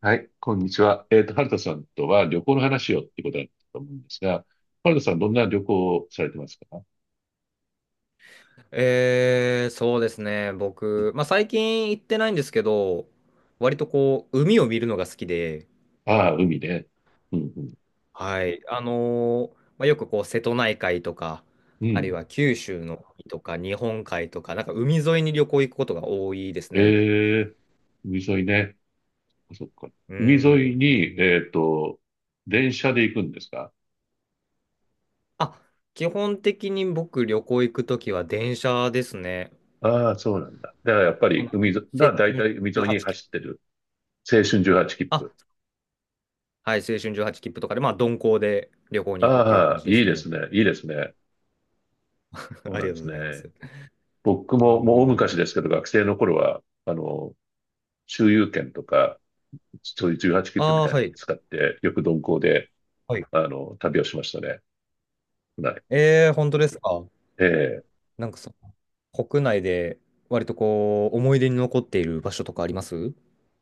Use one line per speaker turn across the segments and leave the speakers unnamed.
はい、こんにちは。春田さんとは旅行の話をっていうことだったと思うんですが、春田さんどんな旅行をされてますか？
そうですね。僕、まあ、最近行ってないんですけど、割とこう、海を見るのが好きで、
ああ、海ね。うん、う
はい。あの、まあ、よくこう、瀬戸内海とか、
ん、う
あるい
ん。
は九州の海とか、日本海とか、なんか海沿いに旅行行くことが多いですね。
ええ、海沿いね。あそっか。
う
海
ーん。
沿いに、電車で行くんですか？
あ、基本的に僕、旅行行くときは電車ですね。
ああ、そうなんだ。だからやっぱ
あ
り
の、
海
青
沿い、だ
春
だいたい海沿いに
18切符。
走ってる。青春18切
あ、
符。
はい、青春18切符とかで、まあ、鈍行で旅行に行くっていう感
ああ、
じで
い
す
いで
ね。
すね。いいですね。そう
あ
な
り
ん
が
で
とう
す
ございま
ね。
す。
僕
う
ももう大
ーん。
昔ですけど、学生の頃は、周遊券とか、そういう18切符み
ああ、
たい
は
のを
い。
使って、よく鈍行で、
はい。
旅をしましたね。はい。
えー、本当ですか。
ええ、
なんかその、国内で割とこう、思い出に残っている場所とかあります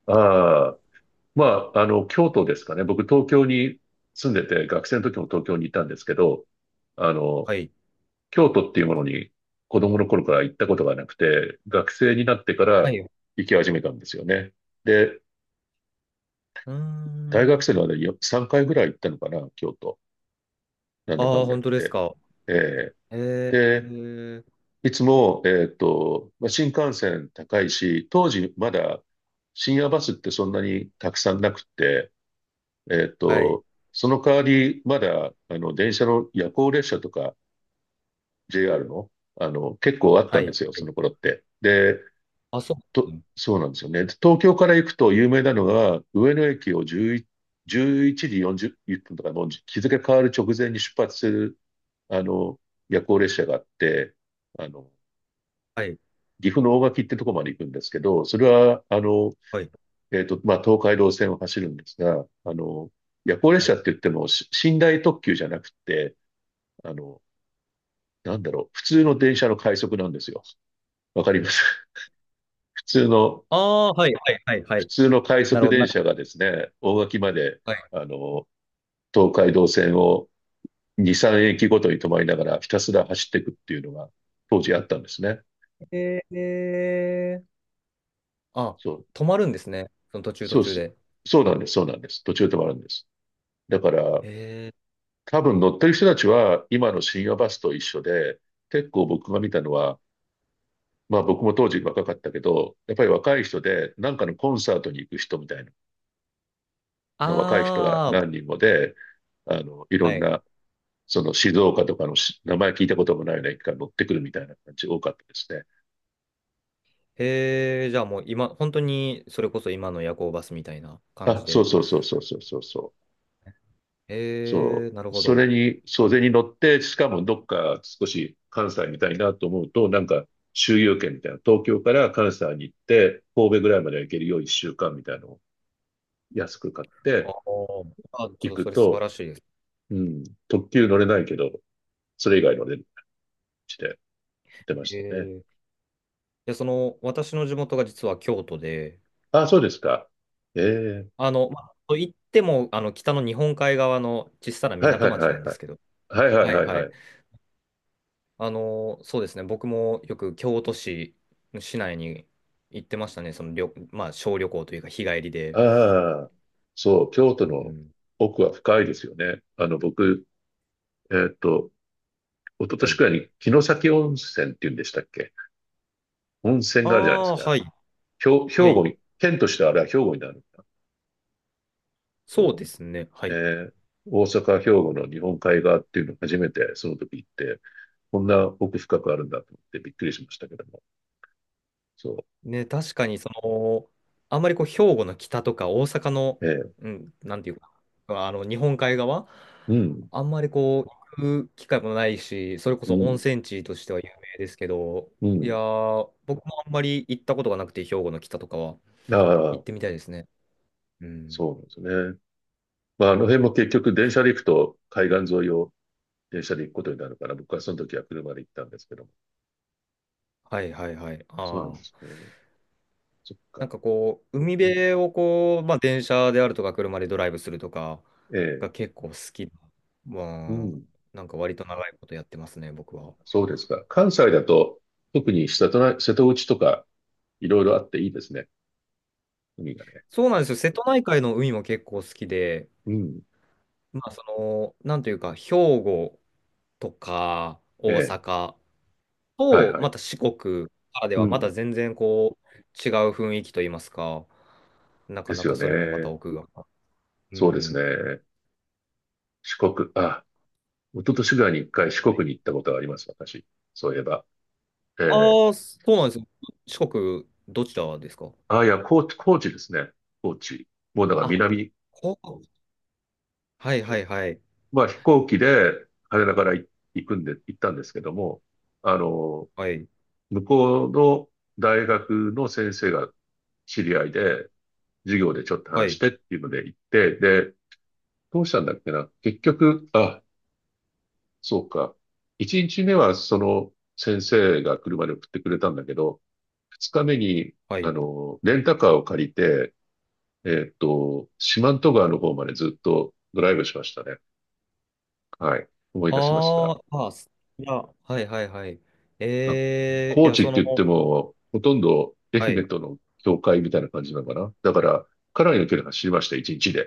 ああ、まあ、京都ですかね。僕、東京に住んでて、学生の時も東京にいたんですけど、あの、
はい。
京都っていうものに子供の頃から行ったことがなくて、学生になってか
は
ら
い。う
行き始めたんですよね。で、
ー
大学生
ん。
の間に3回ぐらい行ったのかな、京都。なんだか
あ
ん
あ、
だ
本
言っ
当です
て。
か。
え
えー、え
え、
ー
いつも、まあ、新幹線高いし、当時まだ深夜バスってそんなにたくさんなくって、えっ
はい。
と、その代わりまだ、電車の夜行列車とか JR の、結構あっ
は
たん
い。は
で
い。
すよ、その頃って。で、
あ、そううん
そうなんですよね。で東京から行くと有名なのが、上野駅を11、時4 0分とか、の日付変わる直前に出発する、あの、夜行列車があって、あの、
はい。
岐阜の大垣ってとこまで行くんですけど、それは、
はい。
まあ、東海道線を走るんですが、夜行列
は
車っ
い。
て言っても、寝台特急じゃなくて、あの、なんだろう、普通の電車の快速なんですよ。わかります？ 普通の、
ああ、はい。はい。はい。は
普
い。
通の快
なる
速
ほど。なん
電
か、
車がですね、大垣まで、
はい。
あの、東海道線を2、3駅ごとに止まりながらひたすら走っていくっていうのが当時あったんですね。
えー、えーあ、
そう、
止まるんですね。その途中途
そうで
中
す。
で。
そうなんです、そうなんです。途中で止まるんです。だから、
えー、
多分乗ってる人たちは今の深夜バスと一緒で、結構僕が見たのは、まあ僕も当時若かったけど、やっぱり若い人で、なんかのコンサートに行く人みたいな、若い人が
ああ、
何人もで、いろ
は
ん
い。
な、その静岡とかの名前聞いたこともないような駅から乗ってくるみたいな感じ多かったですね。
へえ、じゃあもう今、本当にそれこそ今の夜行バスみたいな感
あ、
じ
そう
で。
そうそうそうそうそうそう。
へ
そ
え、なる
う。
ほ
そ
ど。
れに、そう、それに乗って、しかもどっか少し関西みたいなと思うと、なんか周遊券みたいな、東京から関西に行って、神戸ぐらいまで行けるよう1週間みたいなのを安く買っ
ああ、あ
て
ちょっ
行
とそ
く
れ素晴
と、
らしいです。
うん、特急乗れないけど、それ以外乗れるして言ってまし
へ
たね。
え。で、その、私の地元が実は京都で、
あ、そうですか。ええ、
あの、まあ、と言っても、あの、北の日本海側の小さな
はいは
港
い
町
は
な
い
んで
はい。
すけど、
はいはい
はい
はい
は
は
い。
い。
あの、そうですね、僕もよく京都市、市内に行ってましたね、その旅、まあ、小旅行というか、日帰りで。
ああ、そう、京都
うんう
の
ん、
奥は深いですよね。僕、えっと、一昨
は
年
い。
くらいに城崎温泉って言うんでしたっけ？温泉
あ
があるじゃないです
あ、
か。
はい、
兵、
は
兵庫
い。
に、県としてはあれは兵庫になるんだ。
そう
そ
ですね、は
う。
い。
ー大阪、兵庫の日本海側っていうのを初めてその時行って、こんな奥深くあるんだと思ってびっくりしましたけども。そ
ね、確かに、その、あんまりこう、兵庫の北とか大阪の、
う。
うん、なんていうか、あの、日本海側、
うん、
あんまりこう、行く機会もないし、それこ
う
そ温
ん、
泉地としては有名ですけど、
う
いや
ん。
ー、僕もあんまり行ったことがなくて、兵庫の北とかは
あ
行って
あ、
みたいですね。うん。
そうなんですね。まあ、あの辺も結局電車で行くと海岸沿いを電車で行くことになるから、僕はその時は車で行ったんですけども。
はいはいはい。
そうなん
あ
です
あ。
ね。そっ
なん
か。
かこう、海
うん、
辺をこう、まあ、電車であるとか、車でドライブするとか
え
が
え、
結構好きな。ま
う
あ、
ん。
なんか割と長いことやってますね、僕は。
そうですか。関西だと、特に瀬戸内とか、いろいろあっていいですね。海がね。
そうなんですよ。瀬戸内海の海も結構好きで、
うん。
まあ、その、なんというか、兵庫とか
え
大
え。
阪
はい
と、
は
ま
い。
た四国からで
う
は、また
ん。
全然こう、違う雰囲気といいますか、な
で
かな
す
か
よ
それもまた
ね。
奥が。う
そうです
ん。
ね。四国、あ、一昨年ぐらいに一回四国に行ったことがあります、私。そういえば。ええ。
ああ、そうなんですよ。四国、どちらですか
あ、いや、高知、高知ですね。高知。もうだから
あ、
南、
ここ。はいはいはい。
まあ飛行機で羽田から行くんで、行ったんですけども、あの、
はい。
向こうの大学の先生が知り合いで、授業でちょっと
は
話し
い。
てっていうので行って、で、どうしたんだっけな。結局、あ、そうか。一日目はその先生が車で送ってくれたんだけど、二日目に、
はい。
レンタカーを借りて、四万十川の方までずっとドライブしましたね。はい。思い出しました。
あーあ、すいや、はいはいはい。
あ、
えー、い
高
や、
知っ
そ
て
の、
言っても、ほとんど愛
はい。
媛との境界みたいな感じなのかな。だから、かなりの距離走りました、一日で。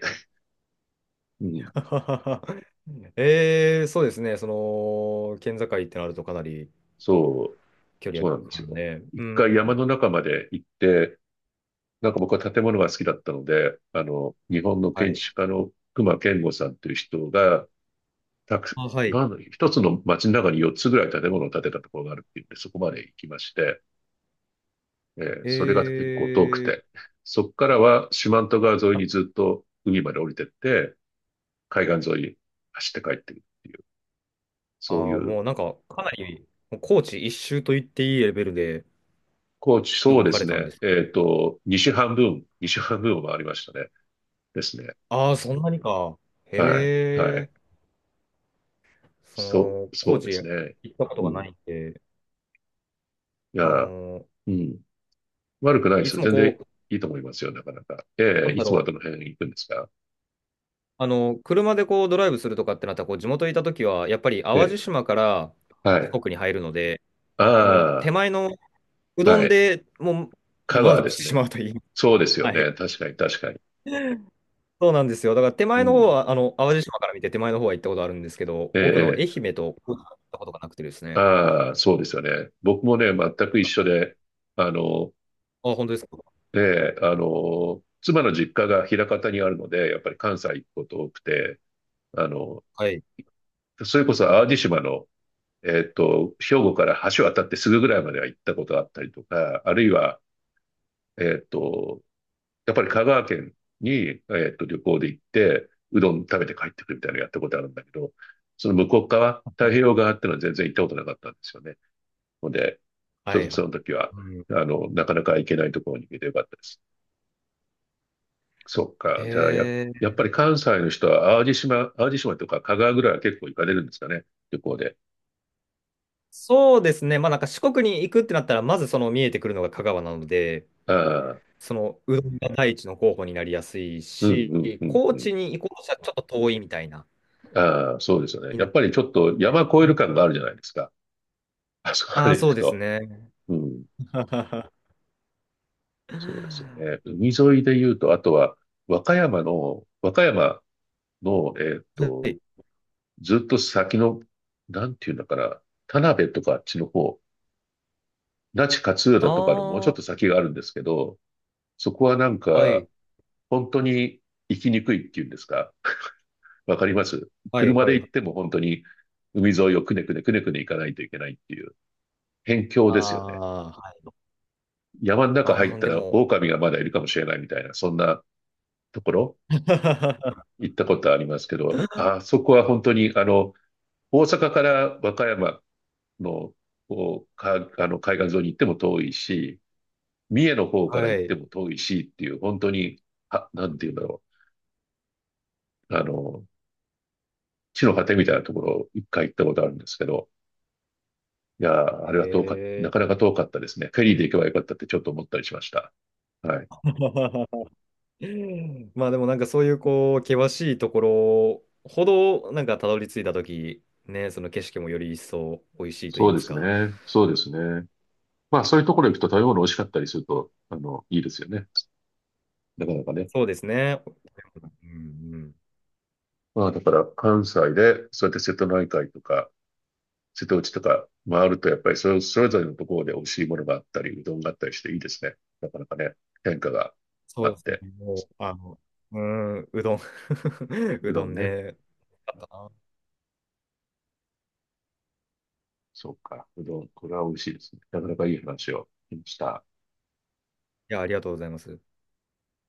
うん。
ええそうですね。その、県境ってなるとかなり
そ
距離
そうなんで
あ
す
るん
よ。
で、う
一
ん。
回山の中まで行って、なんか僕は建物が好きだったので、日本の
は
建
い。
築家の隈研吾さんという人が、たく、
あ、はい。
なんだ、一つの街の中に4つぐらい建物を建てたところがあるっていうんで、そこまで行きまして、
え
それが結構遠く
ー
て、そこからは四万十川沿い
あ、
にずっと海まで降りてって、海岸沿い走って帰ってくるっていう、
あ
そうい
ー
う、
もうなんか、かなり、もう高知一周と言っていいレベルで
高知、そう
動
で
か
す
れたんで
ね、
す。
西半分、西半分を回りましたね。ですね。
ああ、そんなにか。
はい、は
へ
い。
え、そ
そ
の、
う、そ
高
うで
知
す
行
ね。
ったこと
う
がな
ん。
いんで、
いや、
あの、
うん。悪くないで
い
す
つ
よ。
も
全然
こ
いいと思いますよ、なかなか。
う、
え
なん
え、い
だ
つもは
ろ
ど
う、
の辺行くんですか？
あの、車でこうドライブするとかってなったら、こう、地元にいた時は、やっぱり
え
淡路
え、
島から
はい。
四国に入るので、その
あ
手前のう
あ、
ど
は
ん
い。
でもうちょっと
香
満
川で
足し
す
てし
ね。
まうといい。
そうですよ
はい。
ね。確かに、確かに。
そうなんですよ。だから手
う
前の方
ん。
は、あの、淡路島から見て手前の方は行ったことあるんですけど、
え
奥の愛
え、ええ、
媛と行ったことがなくてですね。
ああ、そうですよね。僕もね、全く一緒で、あの、
あ、本当ですか。
ねえ、妻の実家が枚方にあるので、やっぱり関西行くこと多くて、あの、
はい。
それこそ淡路島の兵庫から橋渡ってすぐぐらいまでは行ったことがあったりとか、あるいは、えっと、やっぱり香川県に、旅行で行って、うどん食べて帰ってくるみたいなのやったことあるんだけど、その向こう側、太平洋側っていうのは全然行ったことなかったんですよね。ので、ちょ
は
っ
い
と
は
そ
い。
の時は、
うん。
なかなか行けないところに行けてよかったです。そっか。
へ
じゃあ、や、
え。
やっぱり関西の人は、淡路島、淡路島とか香川ぐらいは結構行かれるんですかね。旅行で。
そうですね。まあなんか四国に行くってなったら、まずその見えてくるのが香川なので、
ああ、
そのうどんが第一の候補になりやすい
うん、
し、
うん、うん、
高
うん。
知に行こうとしたらちょっと遠いみたいな、
ああ、そうですよね。
に
や
なっ
っぱりちょっと
て。
山越える感があるじゃないですか。あそこま
ああ、
で行
そ
く
うです
と。
ね。
うん。そうですよね。海沿いで言うと、あとは、和歌山の、
はい。
ずっと先の、なんていうんだから、田辺とかあっちの方、那智勝浦とかのもうちょっ
あ
と先があるんですけど、そこはなん
あ、は
か、
い。
本当に行きにくいっていうんですか。わかります？
はい、
車
は
で
い、は
行って
い。
も本当に海沿いをくねくねくねくね行かないといけないっていう、辺境
あ
ですよね。
あはい。
山の中
あ
入っ
あ、
た
で
ら
も、
狼がまだいるかもしれないみたいな、そんなところ
あ。
行ったことありますけど、あそこは本当に、大阪から和歌山の、こうか、海岸沿いに行っても遠いし、三重の方
は
か
い
ら
は
行っ
いは
て
い
も遠いしっていう、本当に、
あはいああでも
あ、
は
な
いは
んて言う
い
んだろう。地の果てみたいなところを一回行ったことあるんですけど、いやー、あれはな
へ
かなか遠かったですね。フェリーで行けばよかったってちょっと思ったりしました。はい。
え。まあでもなんかそういうこう、険しいところほど、なんかたどり着いたとき、ね、その景色もより一層美味しいと言い
そう
ま
で
す
す
か。
ね。そうですね。まあそういうところに行くと食べ物美味しかったりすると、いいですよね。なかなかね。
そうですね。うんうん。
まあだから関西で、そうやって瀬戸内海とか、瀬戸内とか回ると、やっぱりそれぞれのところで美味しいものがあったり、うどんがあったりしていいですね。なかなかね、変化が
そ
あ
う
っ
です
て。
ね。もう、あの、うん、うどん。
う
う
ど
ど
ん
ん
ね。
ね。あったな
そうか。うどん、これは美味しいですね。なかなかいい話をしました。
いや、ありがとうございます。